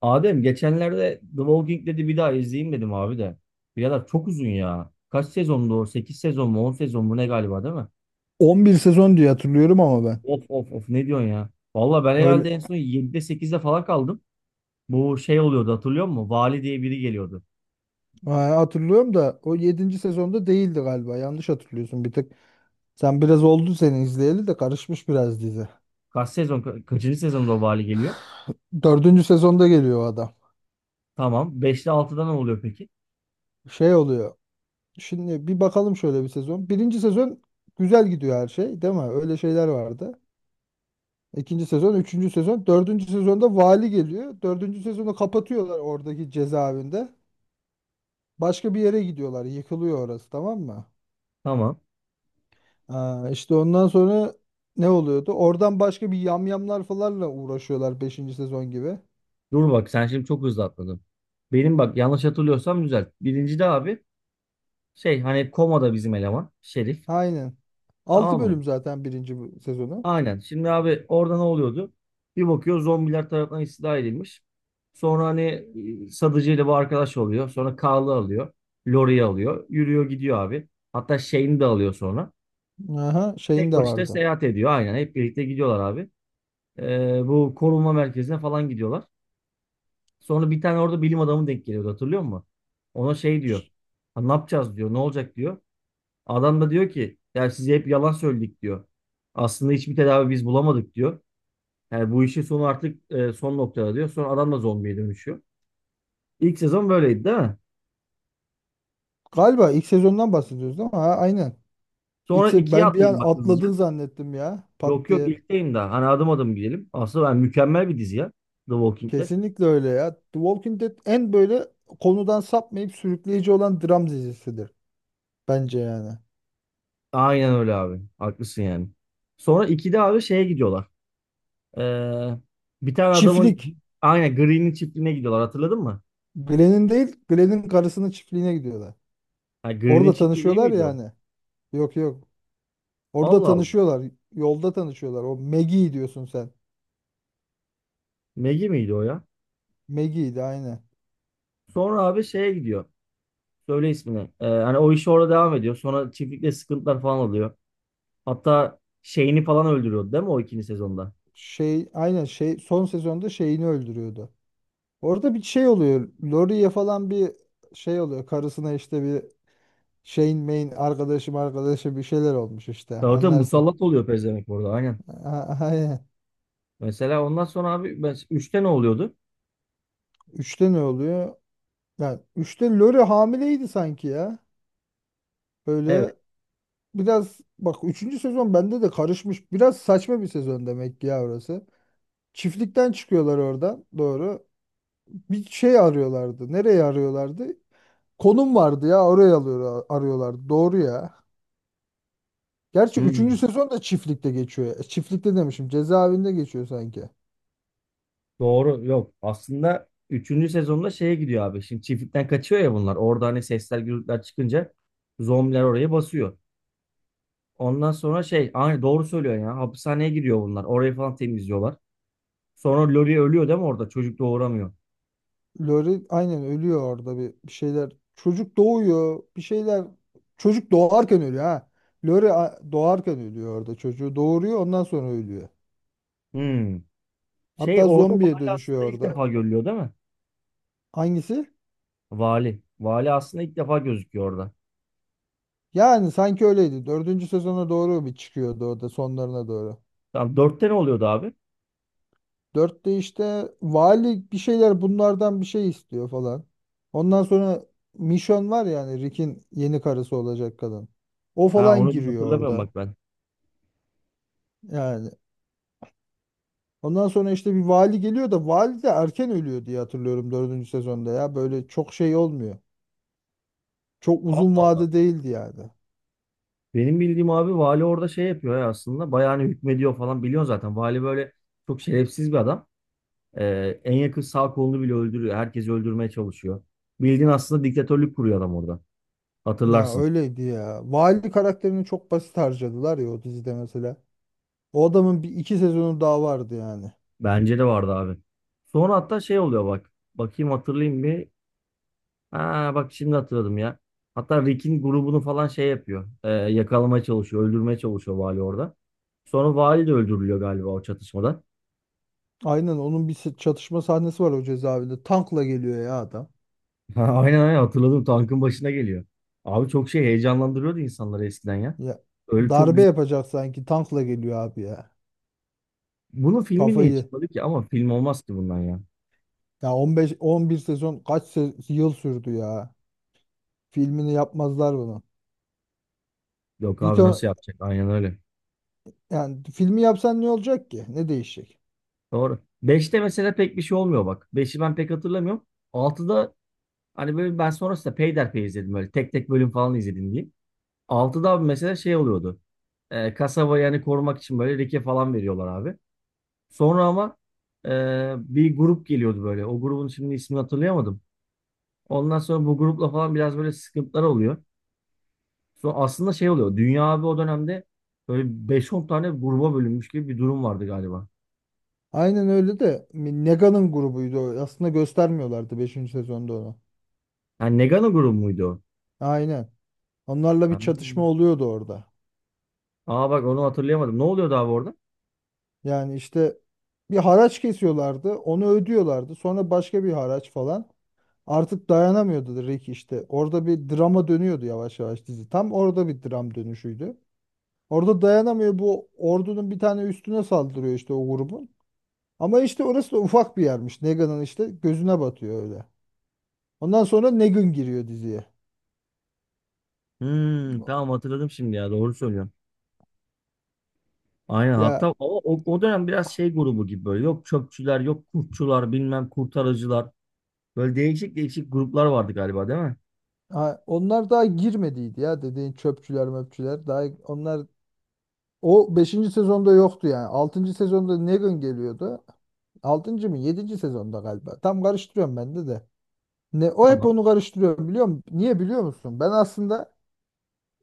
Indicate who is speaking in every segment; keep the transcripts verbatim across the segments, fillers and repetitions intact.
Speaker 1: Adem geçenlerde The Walking Dead'i bir daha izleyeyim dedim abi de. Birader çok uzun ya. Kaç sezondu o? sekiz sezon mu on sezon mu ne galiba değil mi?
Speaker 2: on bir sezon diye hatırlıyorum ama ben.
Speaker 1: Of of of ne diyorsun ya? Valla ben
Speaker 2: Öyle.
Speaker 1: herhalde en son yedide sekizde falan kaldım. Bu şey oluyordu hatırlıyor musun? Vali diye biri geliyordu.
Speaker 2: Ha, hatırlıyorum da o yedinci sezonda değildi galiba. Yanlış hatırlıyorsun bir tık. Sen biraz oldu seni izleyeli de karışmış biraz dizi.
Speaker 1: Kaç sezon ka- kaçıncı sezonda o vali geliyor?
Speaker 2: Dördüncü sezonda geliyor o adam.
Speaker 1: Tamam. beşte altıda ne oluyor peki?
Speaker 2: Şey oluyor. Şimdi bir bakalım şöyle bir sezon. Birinci sezon güzel gidiyor her şey, değil mi? Öyle şeyler vardı. İkinci sezon, üçüncü sezon, dördüncü sezonda vali geliyor. Dördüncü sezonu kapatıyorlar oradaki cezaevinde. Başka bir yere gidiyorlar. Yıkılıyor orası, tamam mı?
Speaker 1: Tamam.
Speaker 2: Aa, işte ondan sonra ne oluyordu? Oradan başka bir yamyamlar falanla uğraşıyorlar beşinci sezon gibi.
Speaker 1: Dur bak sen şimdi çok hızlı atladın. Benim bak yanlış hatırlıyorsam düzelt. Birincide abi şey hani komada bizim eleman Şerif.
Speaker 2: Aynen. Altı
Speaker 1: Tamam mı?
Speaker 2: bölüm zaten birinci sezonu.
Speaker 1: Aynen. Şimdi abi orada ne oluyordu? Bir bakıyor zombiler tarafından istila edilmiş. Sonra hani e, Sadıcı ile bu arkadaş oluyor. Sonra Carl'ı alıyor. Laurie'yi alıyor. Yürüyor gidiyor abi. Hatta Shane'i de alıyor sonra.
Speaker 2: Aha, şeyin
Speaker 1: Tek
Speaker 2: de
Speaker 1: başına
Speaker 2: vardı.
Speaker 1: seyahat ediyor. Aynen. Hep birlikte gidiyorlar abi. Ee, bu korunma merkezine falan gidiyorlar. Sonra bir tane orada bilim adamı denk geliyordu hatırlıyor musun? Ona şey diyor. "Ha, ne yapacağız diyor. Ne olacak diyor. Adam da diyor ki ya size hep yalan söyledik diyor. Aslında hiçbir tedavi biz bulamadık diyor. Yani bu işin sonu artık e, son noktada diyor. Sonra adam da zombiye dönüşüyor. İlk sezon böyleydi değil mi?
Speaker 2: Galiba ilk sezondan bahsediyoruz değil mi? Ha, aynen. İlk
Speaker 1: Sonra
Speaker 2: se-
Speaker 1: ikiye
Speaker 2: ben bir an
Speaker 1: atlayayım bak hızlıca.
Speaker 2: atladın zannettim ya. Pat
Speaker 1: Yok yok
Speaker 2: diye.
Speaker 1: ilkteyim daha. Hani adım adım gidelim. Aslında ben mükemmel bir dizi ya. The Walking Dead.
Speaker 2: Kesinlikle öyle ya. The Walking Dead en böyle konudan sapmayıp sürükleyici olan dram dizisidir. Bence yani.
Speaker 1: Aynen öyle abi. Haklısın yani. Sonra ikide abi şeye gidiyorlar. Ee, Bir tane adamın
Speaker 2: Çiftlik.
Speaker 1: aynen Green'in çiftliğine gidiyorlar. Hatırladın mı?
Speaker 2: Glenn'in değil, Glenn'in karısının çiftliğine gidiyorlar.
Speaker 1: Ha, Green'in
Speaker 2: Orada
Speaker 1: çiftliği değil
Speaker 2: tanışıyorlar
Speaker 1: miydi o?
Speaker 2: yani. Yok yok. Orada
Speaker 1: Allah Allah.
Speaker 2: tanışıyorlar. Yolda tanışıyorlar. O Maggie diyorsun sen.
Speaker 1: Maggie miydi o ya?
Speaker 2: Maggie'ydi aynı.
Speaker 1: Sonra abi şeye gidiyor. Söyle ismini. Ee, hani o iş orada devam ediyor. Sonra çiftlikte sıkıntılar falan oluyor. Hatta şeyini falan öldürüyordu değil mi o ikinci sezonda?
Speaker 2: Şey aynen şey son sezonda şeyini öldürüyordu. Orada bir şey oluyor. Laurie'ye falan bir şey oluyor. Karısına işte bir şeyin main arkadaşım arkadaşı bir şeyler olmuş işte.
Speaker 1: Tabii tabii,
Speaker 2: Anlarsın.
Speaker 1: musallat oluyor pezevenk orada aynen.
Speaker 2: A- Aynen.
Speaker 1: Mesela ondan sonra abi ben, üçte ne oluyordu?
Speaker 2: Üçte ne oluyor? Yani üçte Lori hamileydi sanki ya.
Speaker 1: Evet.
Speaker 2: Böyle biraz bak üçüncü sezon bende de karışmış. Biraz saçma bir sezon demek ki ya orası. Çiftlikten çıkıyorlar oradan. Doğru. Bir şey arıyorlardı. Nereye arıyorlardı? Konum vardı ya oraya alıyor, arıyorlardı. Doğru ya. Gerçi üçüncü
Speaker 1: Hmm,
Speaker 2: sezon da çiftlikte geçiyor. E, çiftlikte demişim. Cezaevinde geçiyor sanki.
Speaker 1: doğru yok. Aslında üçüncü sezonda şeye gidiyor abi. Şimdi çiftlikten kaçıyor ya bunlar. Orada hani sesler gürültüler çıkınca zombiler oraya basıyor. Ondan sonra şey aynı doğru söylüyor ya. Hapishaneye giriyor bunlar. Orayı falan temizliyorlar. Sonra Lori ölüyor değil mi orada? Çocuk doğuramıyor.
Speaker 2: Lori aynen ölüyor orada bir, bir şeyler. Çocuk doğuyor. Bir şeyler. Çocuk doğarken ölüyor ha. Lori a- doğarken ölüyor orada. Çocuğu doğuruyor ondan sonra ölüyor.
Speaker 1: Hmm. Şey
Speaker 2: Hatta
Speaker 1: orada bu
Speaker 2: zombiye
Speaker 1: hali aslında
Speaker 2: dönüşüyor
Speaker 1: ilk
Speaker 2: orada.
Speaker 1: defa görülüyor değil mi?
Speaker 2: Hangisi?
Speaker 1: Vali. Vali aslında ilk defa gözüküyor orada.
Speaker 2: Yani sanki öyleydi. Dördüncü sezona doğru bir çıkıyordu o da sonlarına doğru.
Speaker 1: Tamam, dörtte ne oluyordu abi?
Speaker 2: Dörtte işte vali bir şeyler bunlardan bir şey istiyor falan. Ondan sonra Mission var yani Rick'in yeni karısı olacak kadın. O
Speaker 1: Ha,
Speaker 2: falan
Speaker 1: onu
Speaker 2: giriyor
Speaker 1: hatırlamıyorum
Speaker 2: orada.
Speaker 1: bak ben.
Speaker 2: Yani ondan sonra işte bir vali geliyor da vali de erken ölüyor diye hatırlıyorum dördüncü sezonda ya. Böyle çok şey olmuyor. Çok
Speaker 1: Allah
Speaker 2: uzun
Speaker 1: Allah.
Speaker 2: vade değildi yani.
Speaker 1: Benim bildiğim abi vali orada şey yapıyor ya aslında. Bayağı hani hükmediyor falan biliyorsun zaten. Vali böyle çok şerefsiz bir adam. Ee, en yakın sağ kolunu bile öldürüyor. Herkesi öldürmeye çalışıyor. Bildiğin aslında diktatörlük kuruyor adam orada.
Speaker 2: Ya
Speaker 1: Hatırlarsın.
Speaker 2: öyleydi ya. Vali karakterini çok basit harcadılar ya o dizide mesela. O adamın bir iki sezonu daha vardı yani.
Speaker 1: Bence de vardı abi. Sonra hatta şey oluyor bak. Bakayım hatırlayayım bir. Ha, bak şimdi hatırladım ya. Hatta Rick'in grubunu falan şey yapıyor. Ee, yakalamaya çalışıyor, öldürmeye çalışıyor vali orada. Sonra vali de öldürülüyor galiba o çatışmada.
Speaker 2: Aynen onun bir se- çatışma sahnesi var o cezaevinde. Tankla geliyor ya adam.
Speaker 1: Ha, aynen aynen hatırladım, tankın başına geliyor. Abi çok şey heyecanlandırıyordu insanları eskiden ya.
Speaker 2: Ya
Speaker 1: Öyle çok
Speaker 2: darbe
Speaker 1: güzel.
Speaker 2: yapacak sanki tankla geliyor abi ya.
Speaker 1: Bunun filmi niye
Speaker 2: Kafayı.
Speaker 1: çıkmadı ki? Ama film olmaz ki bundan ya.
Speaker 2: Ya on beş on bir sezon kaç se- yıl sürdü ya. Filmini yapmazlar bunu.
Speaker 1: Yok
Speaker 2: Bir
Speaker 1: abi,
Speaker 2: ton
Speaker 1: nasıl yapacak? Aynen öyle.
Speaker 2: yani filmi yapsan ne olacak ki? Ne değişecek?
Speaker 1: Doğru. Beşte mesela pek bir şey olmuyor bak. Beşi ben pek hatırlamıyorum. Altıda hani böyle ben sonrasında peyderpey izledim, böyle tek tek bölüm falan izledim diye. Altıda abi mesela şey oluyordu. E, kasaba yani korumak için böyle leke falan veriyorlar abi. Sonra ama e, bir grup geliyordu böyle. O grubun şimdi ismini hatırlayamadım. Ondan sonra bu grupla falan biraz böyle sıkıntılar oluyor. Sonra aslında şey oluyor. Dünya abi o dönemde böyle beş on tane gruba bölünmüş gibi bir durum vardı galiba.
Speaker 2: Aynen öyle de Nega'nın grubuydu o. Aslında göstermiyorlardı beşinci sezonda onu.
Speaker 1: Yani Negano grubu muydu o?
Speaker 2: Aynen. Onlarla
Speaker 1: Ha.
Speaker 2: bir çatışma oluyordu orada.
Speaker 1: Aa, bak onu hatırlayamadım. Ne oluyordu abi orada?
Speaker 2: Yani işte bir haraç kesiyorlardı. Onu ödüyorlardı. Sonra başka bir haraç falan. Artık dayanamıyordu Rick işte. Orada bir drama dönüyordu yavaş yavaş dizi. Tam orada bir dram dönüşüydü. Orada dayanamıyor bu ordunun bir tane üstüne saldırıyor işte o grubun. Ama işte orası da ufak bir yermiş. Negan'ın işte gözüne batıyor öyle. Ondan sonra Negan giriyor diziye.
Speaker 1: Hmm, tamam, hatırladım şimdi ya. Doğru söylüyorsun. Aynen, hatta
Speaker 2: Ya
Speaker 1: o, o, o dönem biraz şey grubu gibi böyle yok çöpçüler yok kurtçular bilmem kurtarıcılar böyle değişik değişik gruplar vardı galiba değil mi?
Speaker 2: ha, onlar daha girmediydi ya dediğin çöpçüler möpçüler. Daha onlar o beşinci sezonda yoktu yani. Altıncı sezonda Negan geliyordu. Altıncı mı yedinci sezonda galiba. Tam karıştırıyorum ben de de. Ne, o hep
Speaker 1: Tamam.
Speaker 2: onu karıştırıyorum biliyor musun? Niye biliyor musun? Ben aslında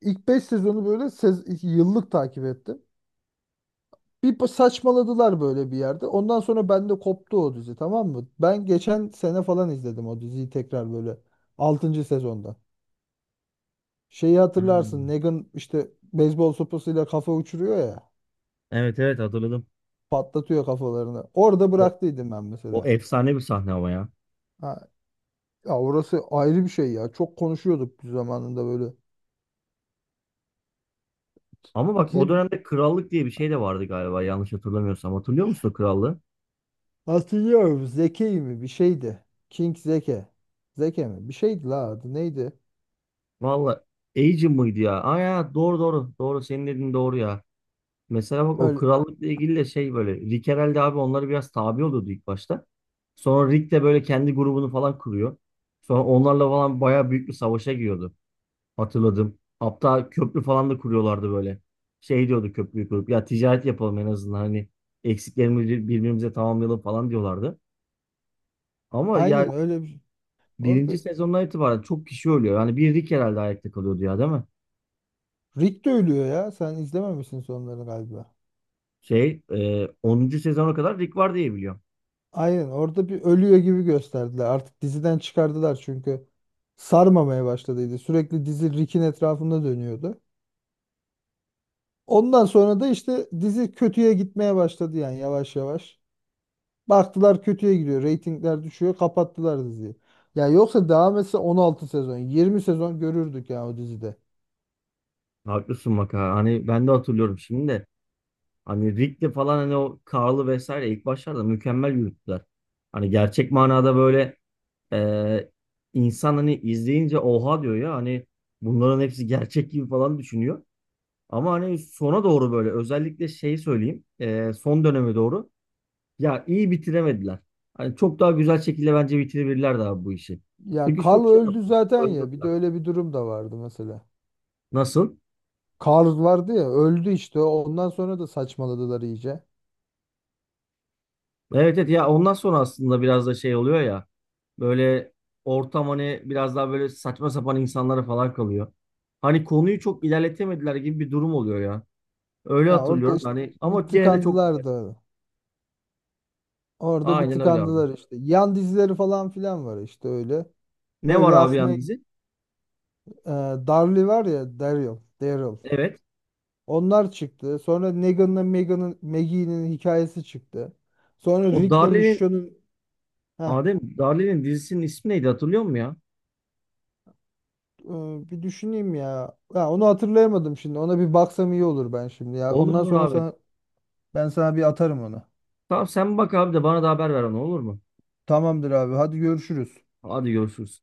Speaker 2: ilk beş sezonu böyle sez- yıllık takip ettim. Bir pa- saçmaladılar böyle bir yerde. Ondan sonra bende koptu o dizi tamam mı? Ben geçen sene falan izledim o diziyi tekrar böyle altıncı sezonda. Şeyi hatırlarsın
Speaker 1: Hmm.
Speaker 2: Negan işte beyzbol sopasıyla kafa uçuruyor ya.
Speaker 1: Evet evet, hatırladım.
Speaker 2: Patlatıyor kafalarını. Orada
Speaker 1: O,
Speaker 2: bıraktıydım ben
Speaker 1: o
Speaker 2: mesela.
Speaker 1: efsane bir sahne ama ya.
Speaker 2: Ha, ya orası ayrı bir şey ya. Çok konuşuyorduk zamanında böyle.
Speaker 1: Ama bak o dönemde krallık diye bir şey de vardı galiba, yanlış hatırlamıyorsam. Hatırlıyor musun o krallığı?
Speaker 2: Hatırlıyorum. Zeki mi? Bir şeydi. King Zeke. Zeke mi? Bir şeydi la adı. Neydi?
Speaker 1: Valla Agent mıydı ya? Aa ya, doğru doğru doğru, senin dediğin doğru ya. Mesela bak o
Speaker 2: Öyle,
Speaker 1: krallıkla ilgili de şey böyle Rick herhalde abi onları biraz tabi oluyordu ilk başta. Sonra Rick de böyle kendi grubunu falan kuruyor. Sonra onlarla falan bayağı büyük bir savaşa giriyordu. Hatırladım. Hatta köprü falan da kuruyorlardı böyle. Şey diyordu, köprüyü kurup ya ticaret yapalım en azından, hani eksiklerimizi birbirimize tamamlayalım falan diyorlardı. Ama ya
Speaker 2: aynen öyle bir... Orada
Speaker 1: birinci sezondan itibaren çok kişi ölüyor. Yani bir Rick herhalde ayakta kalıyordu ya değil mi?
Speaker 2: Rick de ölüyor ya. Sen izlememişsin sonları galiba.
Speaker 1: Şey e, onuncu sezona kadar Rick var diye biliyorum.
Speaker 2: Aynen orada bir ölüyor gibi gösterdiler. Artık diziden çıkardılar çünkü sarmamaya başladıydı. Sürekli dizi Rick'in etrafında dönüyordu. Ondan sonra da işte dizi kötüye gitmeye başladı yani yavaş yavaş. Baktılar kötüye gidiyor. Reytingler düşüyor. Kapattılar diziyi. Ya yoksa devam etse on altı sezon, yirmi sezon görürdük ya o dizide.
Speaker 1: Haklısın bak ha. Hani ben de hatırlıyorum şimdi de. Hani Rick'le falan hani o Karl'ı vesaire ilk başlarda mükemmel yürüttüler. Hani gerçek manada böyle e, insan hani izleyince oha diyor ya, hani bunların hepsi gerçek gibi falan düşünüyor. Ama hani sona doğru böyle özellikle şey söyleyeyim, e, son döneme doğru ya iyi bitiremediler. Hani çok daha güzel şekilde bence bitirebilirlerdi abi bu işi.
Speaker 2: Ya
Speaker 1: Çünkü
Speaker 2: Carl
Speaker 1: çok şey
Speaker 2: öldü
Speaker 1: yaptılar.
Speaker 2: zaten ya. Bir de
Speaker 1: Öldürdüler.
Speaker 2: öyle bir durum da vardı mesela.
Speaker 1: Nasıl?
Speaker 2: Carl vardı ya öldü işte. Ondan sonra da saçmaladılar iyice.
Speaker 1: Evet evet ya, ondan sonra aslında biraz da şey oluyor ya. Böyle ortam hani biraz daha böyle saçma sapan insanlara falan kalıyor. Hani konuyu çok ilerletemediler gibi bir durum oluyor ya. Öyle
Speaker 2: Ya orada
Speaker 1: hatırlıyorum
Speaker 2: işte
Speaker 1: hani,
Speaker 2: bir
Speaker 1: ama gene de çok güzel.
Speaker 2: tıkandılar da. Orada bir
Speaker 1: Aynen öyle abi.
Speaker 2: tıkandılar işte. Yan dizileri falan filan var işte öyle.
Speaker 1: Ne var
Speaker 2: Öyle
Speaker 1: abi yan
Speaker 2: akmaya
Speaker 1: dizi?
Speaker 2: e, Darly var ya Daryl. Daryl.
Speaker 1: Evet.
Speaker 2: Onlar çıktı. Sonra Negan'la Megan'ın Maggie'nin hikayesi çıktı. Sonra
Speaker 1: O
Speaker 2: Rick'le
Speaker 1: Darle'nin
Speaker 2: Michonne'un. Heh,
Speaker 1: Adem Darle'nin dizisinin ismi neydi hatırlıyor musun ya?
Speaker 2: e, bir düşüneyim ya. Ya onu hatırlayamadım şimdi. Ona bir baksam iyi olur ben şimdi ya.
Speaker 1: Olur
Speaker 2: Ondan
Speaker 1: olur
Speaker 2: sonra
Speaker 1: abi.
Speaker 2: sana ben sana bir atarım onu.
Speaker 1: Tamam, sen bak abi de bana da haber ver onu olur mu?
Speaker 2: Tamamdır abi. Hadi görüşürüz.
Speaker 1: Hadi görüşürüz.